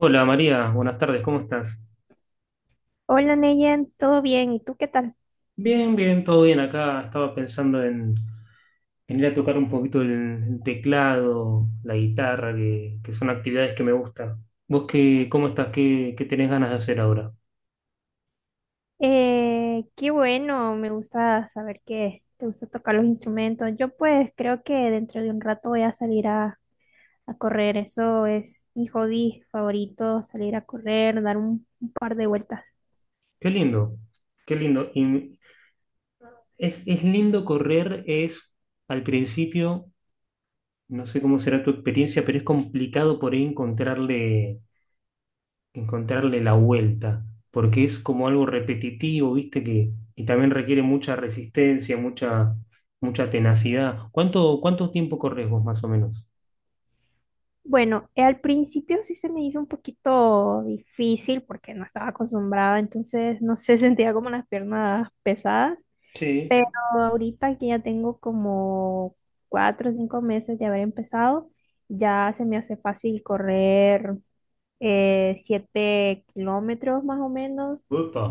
Hola María, buenas tardes, ¿cómo estás? Hola Neyen, ¿todo bien? ¿Y tú qué tal? Bien, todo bien acá. Estaba pensando en ir a tocar un poquito el teclado, la guitarra, que son actividades que me gustan. ¿Vos cómo estás? ¿Qué tenés ganas de hacer ahora? Qué bueno, me gusta saber que te gusta tocar los instrumentos. Yo pues creo que dentro de un rato voy a salir a correr, eso es mi hobby favorito, salir a correr, dar un par de vueltas. Qué lindo, qué lindo. Y es lindo correr, es al principio, no sé cómo será tu experiencia, pero es complicado por ahí encontrarle la vuelta, porque es como algo repetitivo, ¿viste? Que, y también requiere mucha resistencia, mucha tenacidad. ¿Cuánto tiempo corres vos más o menos? Bueno, al principio sí se me hizo un poquito difícil porque no estaba acostumbrada, entonces no sé, sentía como las piernas pesadas. Sí. Pero ahorita que ya tengo como 4 o 5 meses de haber empezado, ya se me hace fácil correr 7 kilómetros más o menos. Upa,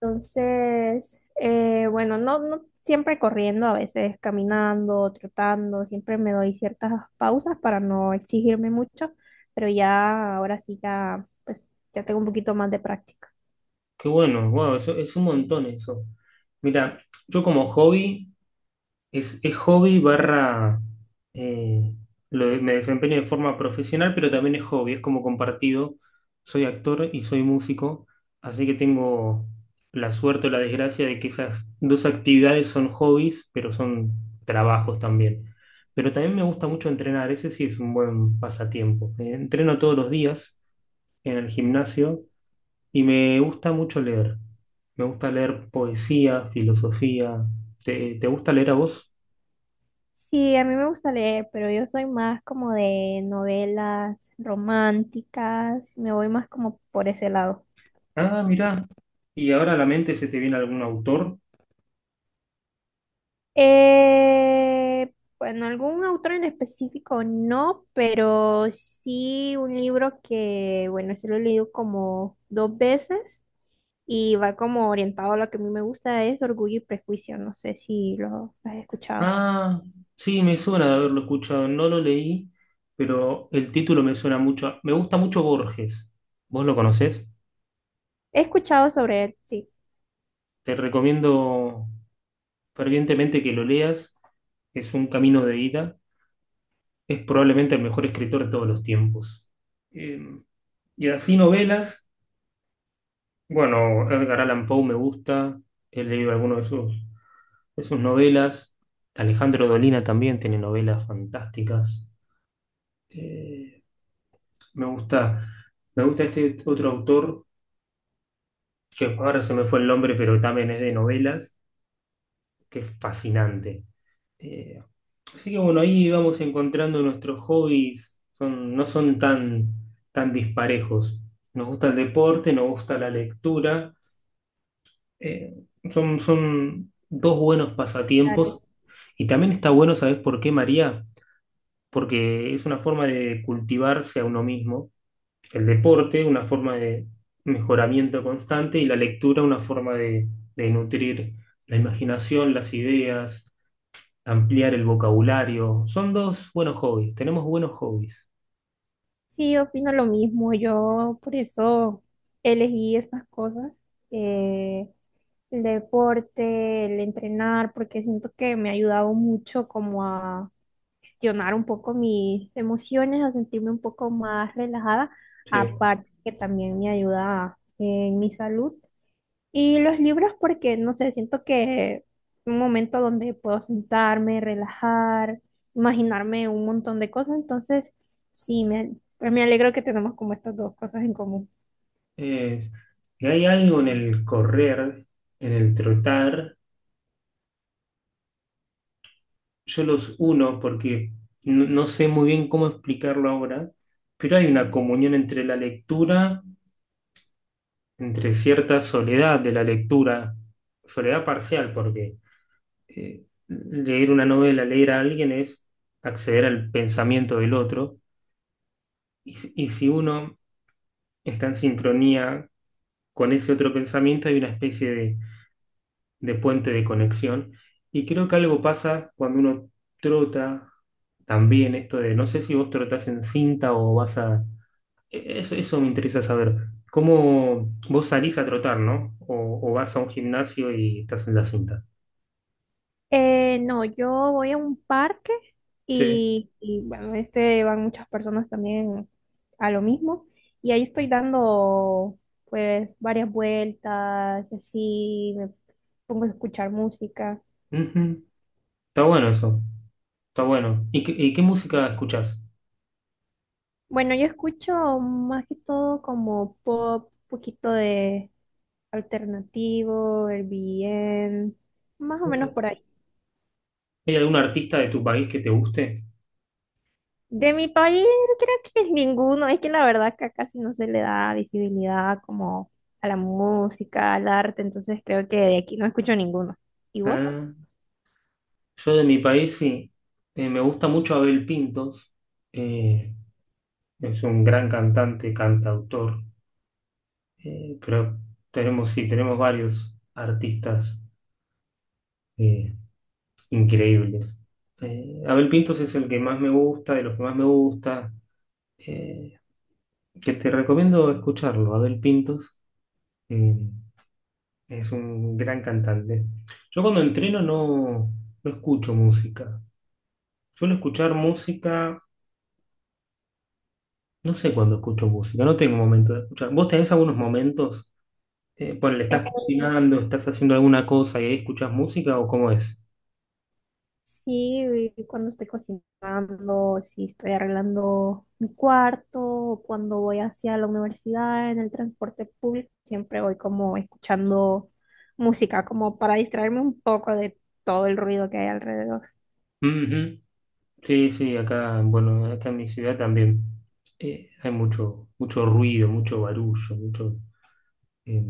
Entonces, bueno, no, no siempre corriendo, a veces caminando, trotando, siempre me doy ciertas pausas para no exigirme mucho, pero ya ahora sí ya, pues, ya tengo un poquito más de práctica. qué bueno, wow, eso, es un montón eso. Mira, yo como hobby. Es hobby barra, eh, me desempeño de forma profesional, pero también es hobby, es como compartido. Soy actor y soy músico, así que tengo la suerte o la desgracia de que esas dos actividades son hobbies, pero son trabajos también. Pero también me gusta mucho entrenar, ese sí es un buen pasatiempo. Entreno todos los días en el gimnasio y me gusta mucho leer. Me gusta leer poesía, filosofía. ¿Te gusta leer a vos? Sí, a mí me gusta leer, pero yo soy más como de novelas románticas, me voy más como por ese lado. Ah, mirá. ¿Y ahora a la mente se te viene algún autor? Eh, bueno, algún autor en específico no, pero sí un libro que, bueno, se lo he leído como dos veces y va como orientado a lo que a mí me gusta, es Orgullo y Prejuicio, no sé si lo has escuchado. Ah, sí, me suena de haberlo escuchado. No lo leí, pero el título me suena mucho. Me gusta mucho Borges. ¿Vos lo conocés? He escuchado sobre él, sí. Te recomiendo fervientemente que lo leas. Es un camino de ida. Es probablemente el mejor escritor de todos los tiempos. Eh, y así novelas. Bueno, Edgar Allan Poe me gusta. He leído algunos de sus. De sus novelas. Alejandro Dolina también tiene novelas fantásticas. Eh, me gusta, me gusta este otro autor, que ahora se me fue el nombre, pero también es de novelas, que es fascinante. Eh, Así que bueno, ahí vamos encontrando nuestros hobbies, son, no son tan, tan disparejos. Nos gusta el deporte, nos gusta la lectura, eh, son, son dos buenos Son similares. pasatiempos. Y también está bueno, ¿sabes por qué, María? Porque es una forma de cultivarse a uno mismo, el deporte una forma de mejoramiento constante y la lectura una forma de nutrir la imaginación, las ideas, ampliar el vocabulario. Son dos buenos hobbies, tenemos buenos hobbies. Sí, opino lo mismo. Yo por eso elegí estas cosas, eh, el deporte, el entrenar, porque siento que me ha ayudado mucho como a gestionar un poco mis emociones, a sentirme un poco más relajada, Sí. aparte que también me ayuda en mi salud. Y los libros porque, no sé, siento que un momento donde puedo sentarme, relajar, imaginarme un montón de cosas, entonces sí, me alegro que tenemos como estas dos cosas en común. Es- y hay algo en el correr, en el trotar, yo los uno porque no sé muy bien cómo explicarlo ahora, pero hay una comunión entre la lectura, entre cierta soledad de la lectura, soledad parcial, porque leer una novela, leer a alguien es acceder al pensamiento del otro, y, y si uno está en sincronía con ese otro pensamiento, hay una especie de puente de conexión, y creo que algo pasa cuando uno trota también, esto de, no sé si vos trotás en cinta o vas a, eso, eso me interesa saber. ¿Cómo vos salís a trotar, ¿no? O vas a un gimnasio y estás en la cinta. No, yo voy a un parque Sí. Y, bueno, este van muchas personas también a lo mismo y ahí estoy dando pues varias vueltas, y así me pongo a escuchar música. Ujú. Está bueno eso, está bueno. ¿Y y qué música escuchás? Bueno, yo escucho más que todo como pop, poquito de alternativo, el bien, más o menos Ok. por ahí. ¿Hay algún artista de tu país que te guste? De mi país creo que es ninguno, es que la verdad que casi no se le da visibilidad como a la música, al arte, entonces creo que de aquí no escucho ninguno. ¿Y vos? Ah, yo de mi país sí. Me gusta mucho Abel Pintos. Eh, es un gran cantante, cantautor. Pero tenemos, sí, tenemos varios artistas eh, increíbles. Abel Pintos es el que más me gusta, de los que más me gusta, eh, que te recomiendo escucharlo. Abel Pintos eh, es un gran cantante. Yo cuando entreno no, no escucho música. Suelo escuchar música, no sé cuándo escucho música, no tengo momento de escuchar. ¿Vos tenés algunos momentos? Ponele, Eh, estás cocinando, estás haciendo alguna cosa y ahí escuchás música o cómo es? Sí, güey, cuando estoy cocinando, si estoy arreglando mi cuarto, o cuando voy hacia la universidad en el transporte público, siempre voy como escuchando música, como para distraerme un poco de todo el ruido que hay alrededor. Ujú. Sí, sí, acá, bueno, acá en mi ciudad también hay mucho, mucho ruido, mucho barullo, mucho. eh,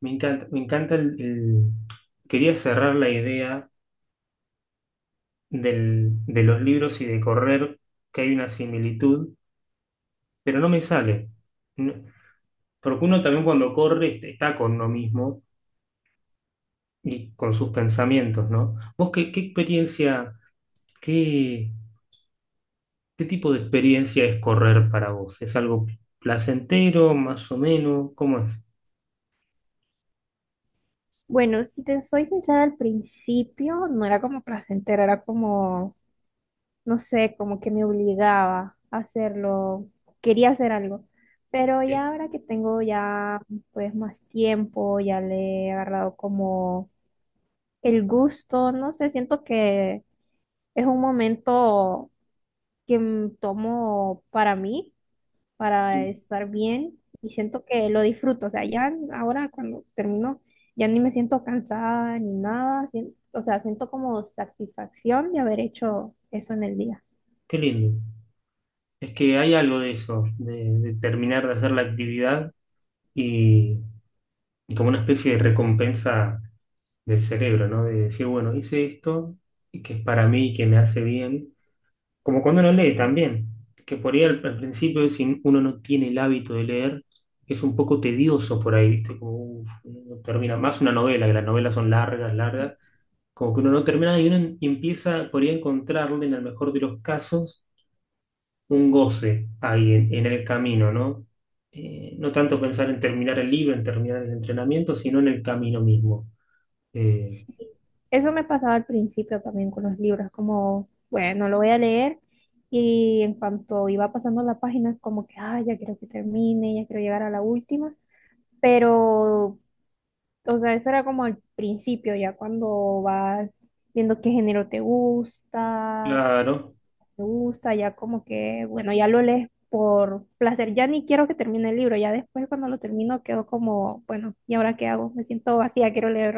me encanta quería cerrar la idea de los libros y de correr, que hay una similitud, pero no me sale. No- Porque uno también cuando corre está con uno mismo y con sus pensamientos, ¿no? ¿Vos qué experiencia, ¿qué tipo de experiencia es correr para vos? ¿Es algo placentero, más o menos? ¿Cómo es? Bueno, si te soy sincera, al principio no era como placentero, era como no sé, como que me obligaba a hacerlo, quería hacer algo. Pero Eh, ya ahora que tengo ya pues más tiempo, ya le he agarrado como el gusto, no sé, siento que es un momento que tomo para mí, para Sí. estar bien y siento que lo disfruto. O sea, ya ahora cuando termino, ya ni me siento cansada ni nada, o sea, siento como satisfacción de haber hecho eso en el día. Qué lindo. Es que hay algo de eso, de terminar de hacer la actividad y, y como una especie de recompensa del cerebro, ¿no? De decir, bueno, hice esto y que es para mí, que me hace bien. Como cuando uno lee también, que por ahí al principio, si uno no tiene el hábito de leer, es un poco tedioso por ahí, ¿viste? Como, uf, no termina más una novela, que las novelas son largas como que uno no termina y uno empieza por ahí a encontrarle, en el mejor de los casos, un goce ahí en el camino, ¿no? No tanto pensar en terminar el libro, en terminar el entrenamiento, sino en el camino mismo. Eh, Sí, eso me pasaba al principio también con los libros, como, bueno, lo voy a leer y en cuanto iba pasando la página, como que, ah, ya quiero que termine, ya quiero llegar a la última, pero, o sea, eso era como al principio, ya cuando vas viendo qué género te gusta, qué claro, te gusta, ya como que, bueno, ya lo lees por placer, ya ni quiero que termine el libro, ya después cuando lo termino quedo como, bueno, ¿y ahora qué hago? Me siento vacía, quiero leer.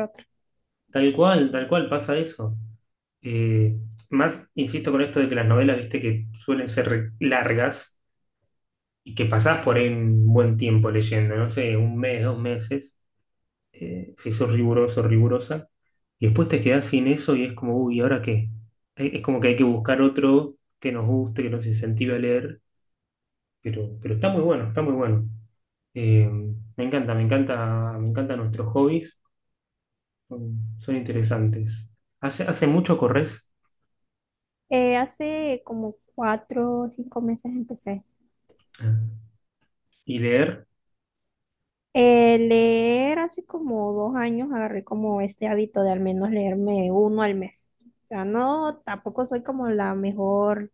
tal cual pasa eso. Eh, Más, insisto con esto de que las novelas, viste, que suelen ser largas y que pasás por ahí un buen tiempo leyendo, no sé, un mes, dos meses. Si sos riguroso, rigurosa, y después te quedás sin eso y es como, uy, ¿y ahora qué? Es como que hay que buscar otro que nos guste, que nos incentive a leer, pero está muy bueno, está muy bueno. Eh, me encantan nuestros hobbies, son, son interesantes. Hace mucho corres. Hace como 4 o 5 meses empecé. Ah. Y leer, Leer hace como 2 años agarré como este hábito de al menos leerme uno al mes. O sea, no, tampoco soy como la mejor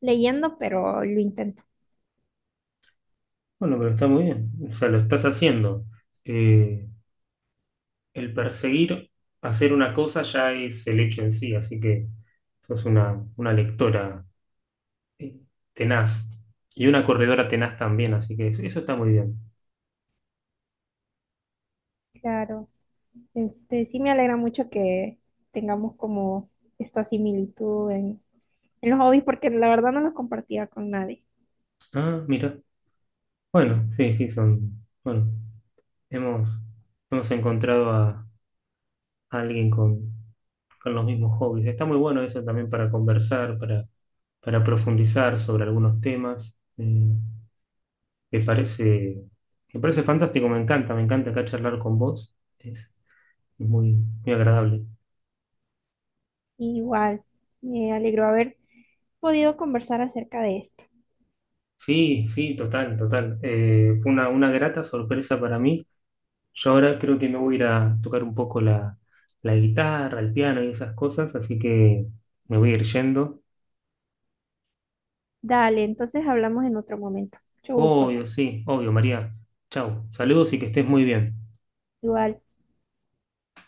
leyendo, pero lo intento. bueno, pero está muy bien, o sea, lo estás haciendo. Eh, el perseguir hacer una cosa ya es el hecho en sí, así que sos una lectora eh, tenaz. Y una corredora tenaz también, así que eso está muy bien. Claro, este, sí me alegra mucho que tengamos como esta similitud en los hobbies, porque la verdad no los compartía con nadie. Ah, mira. Bueno, sí, sí, son. Bueno, hemos, hemos encontrado a alguien con los mismos hobbies. Está muy bueno eso también para conversar, para profundizar sobre algunos temas. Me parece, me parece fantástico, me encanta acá charlar con vos. Es muy, muy agradable. Igual, me alegró haber podido conversar acerca de esto. Sí, sí, total, total. Fue una grata sorpresa para mí. Yo ahora creo que me voy a ir a tocar un poco la guitarra, el piano y esas cosas, así que me voy a ir yendo. Dale, entonces hablamos en otro momento. Mucho gusto. Obvio, sí, obvio, María. Chau, saludos y que estés muy bien. Igual.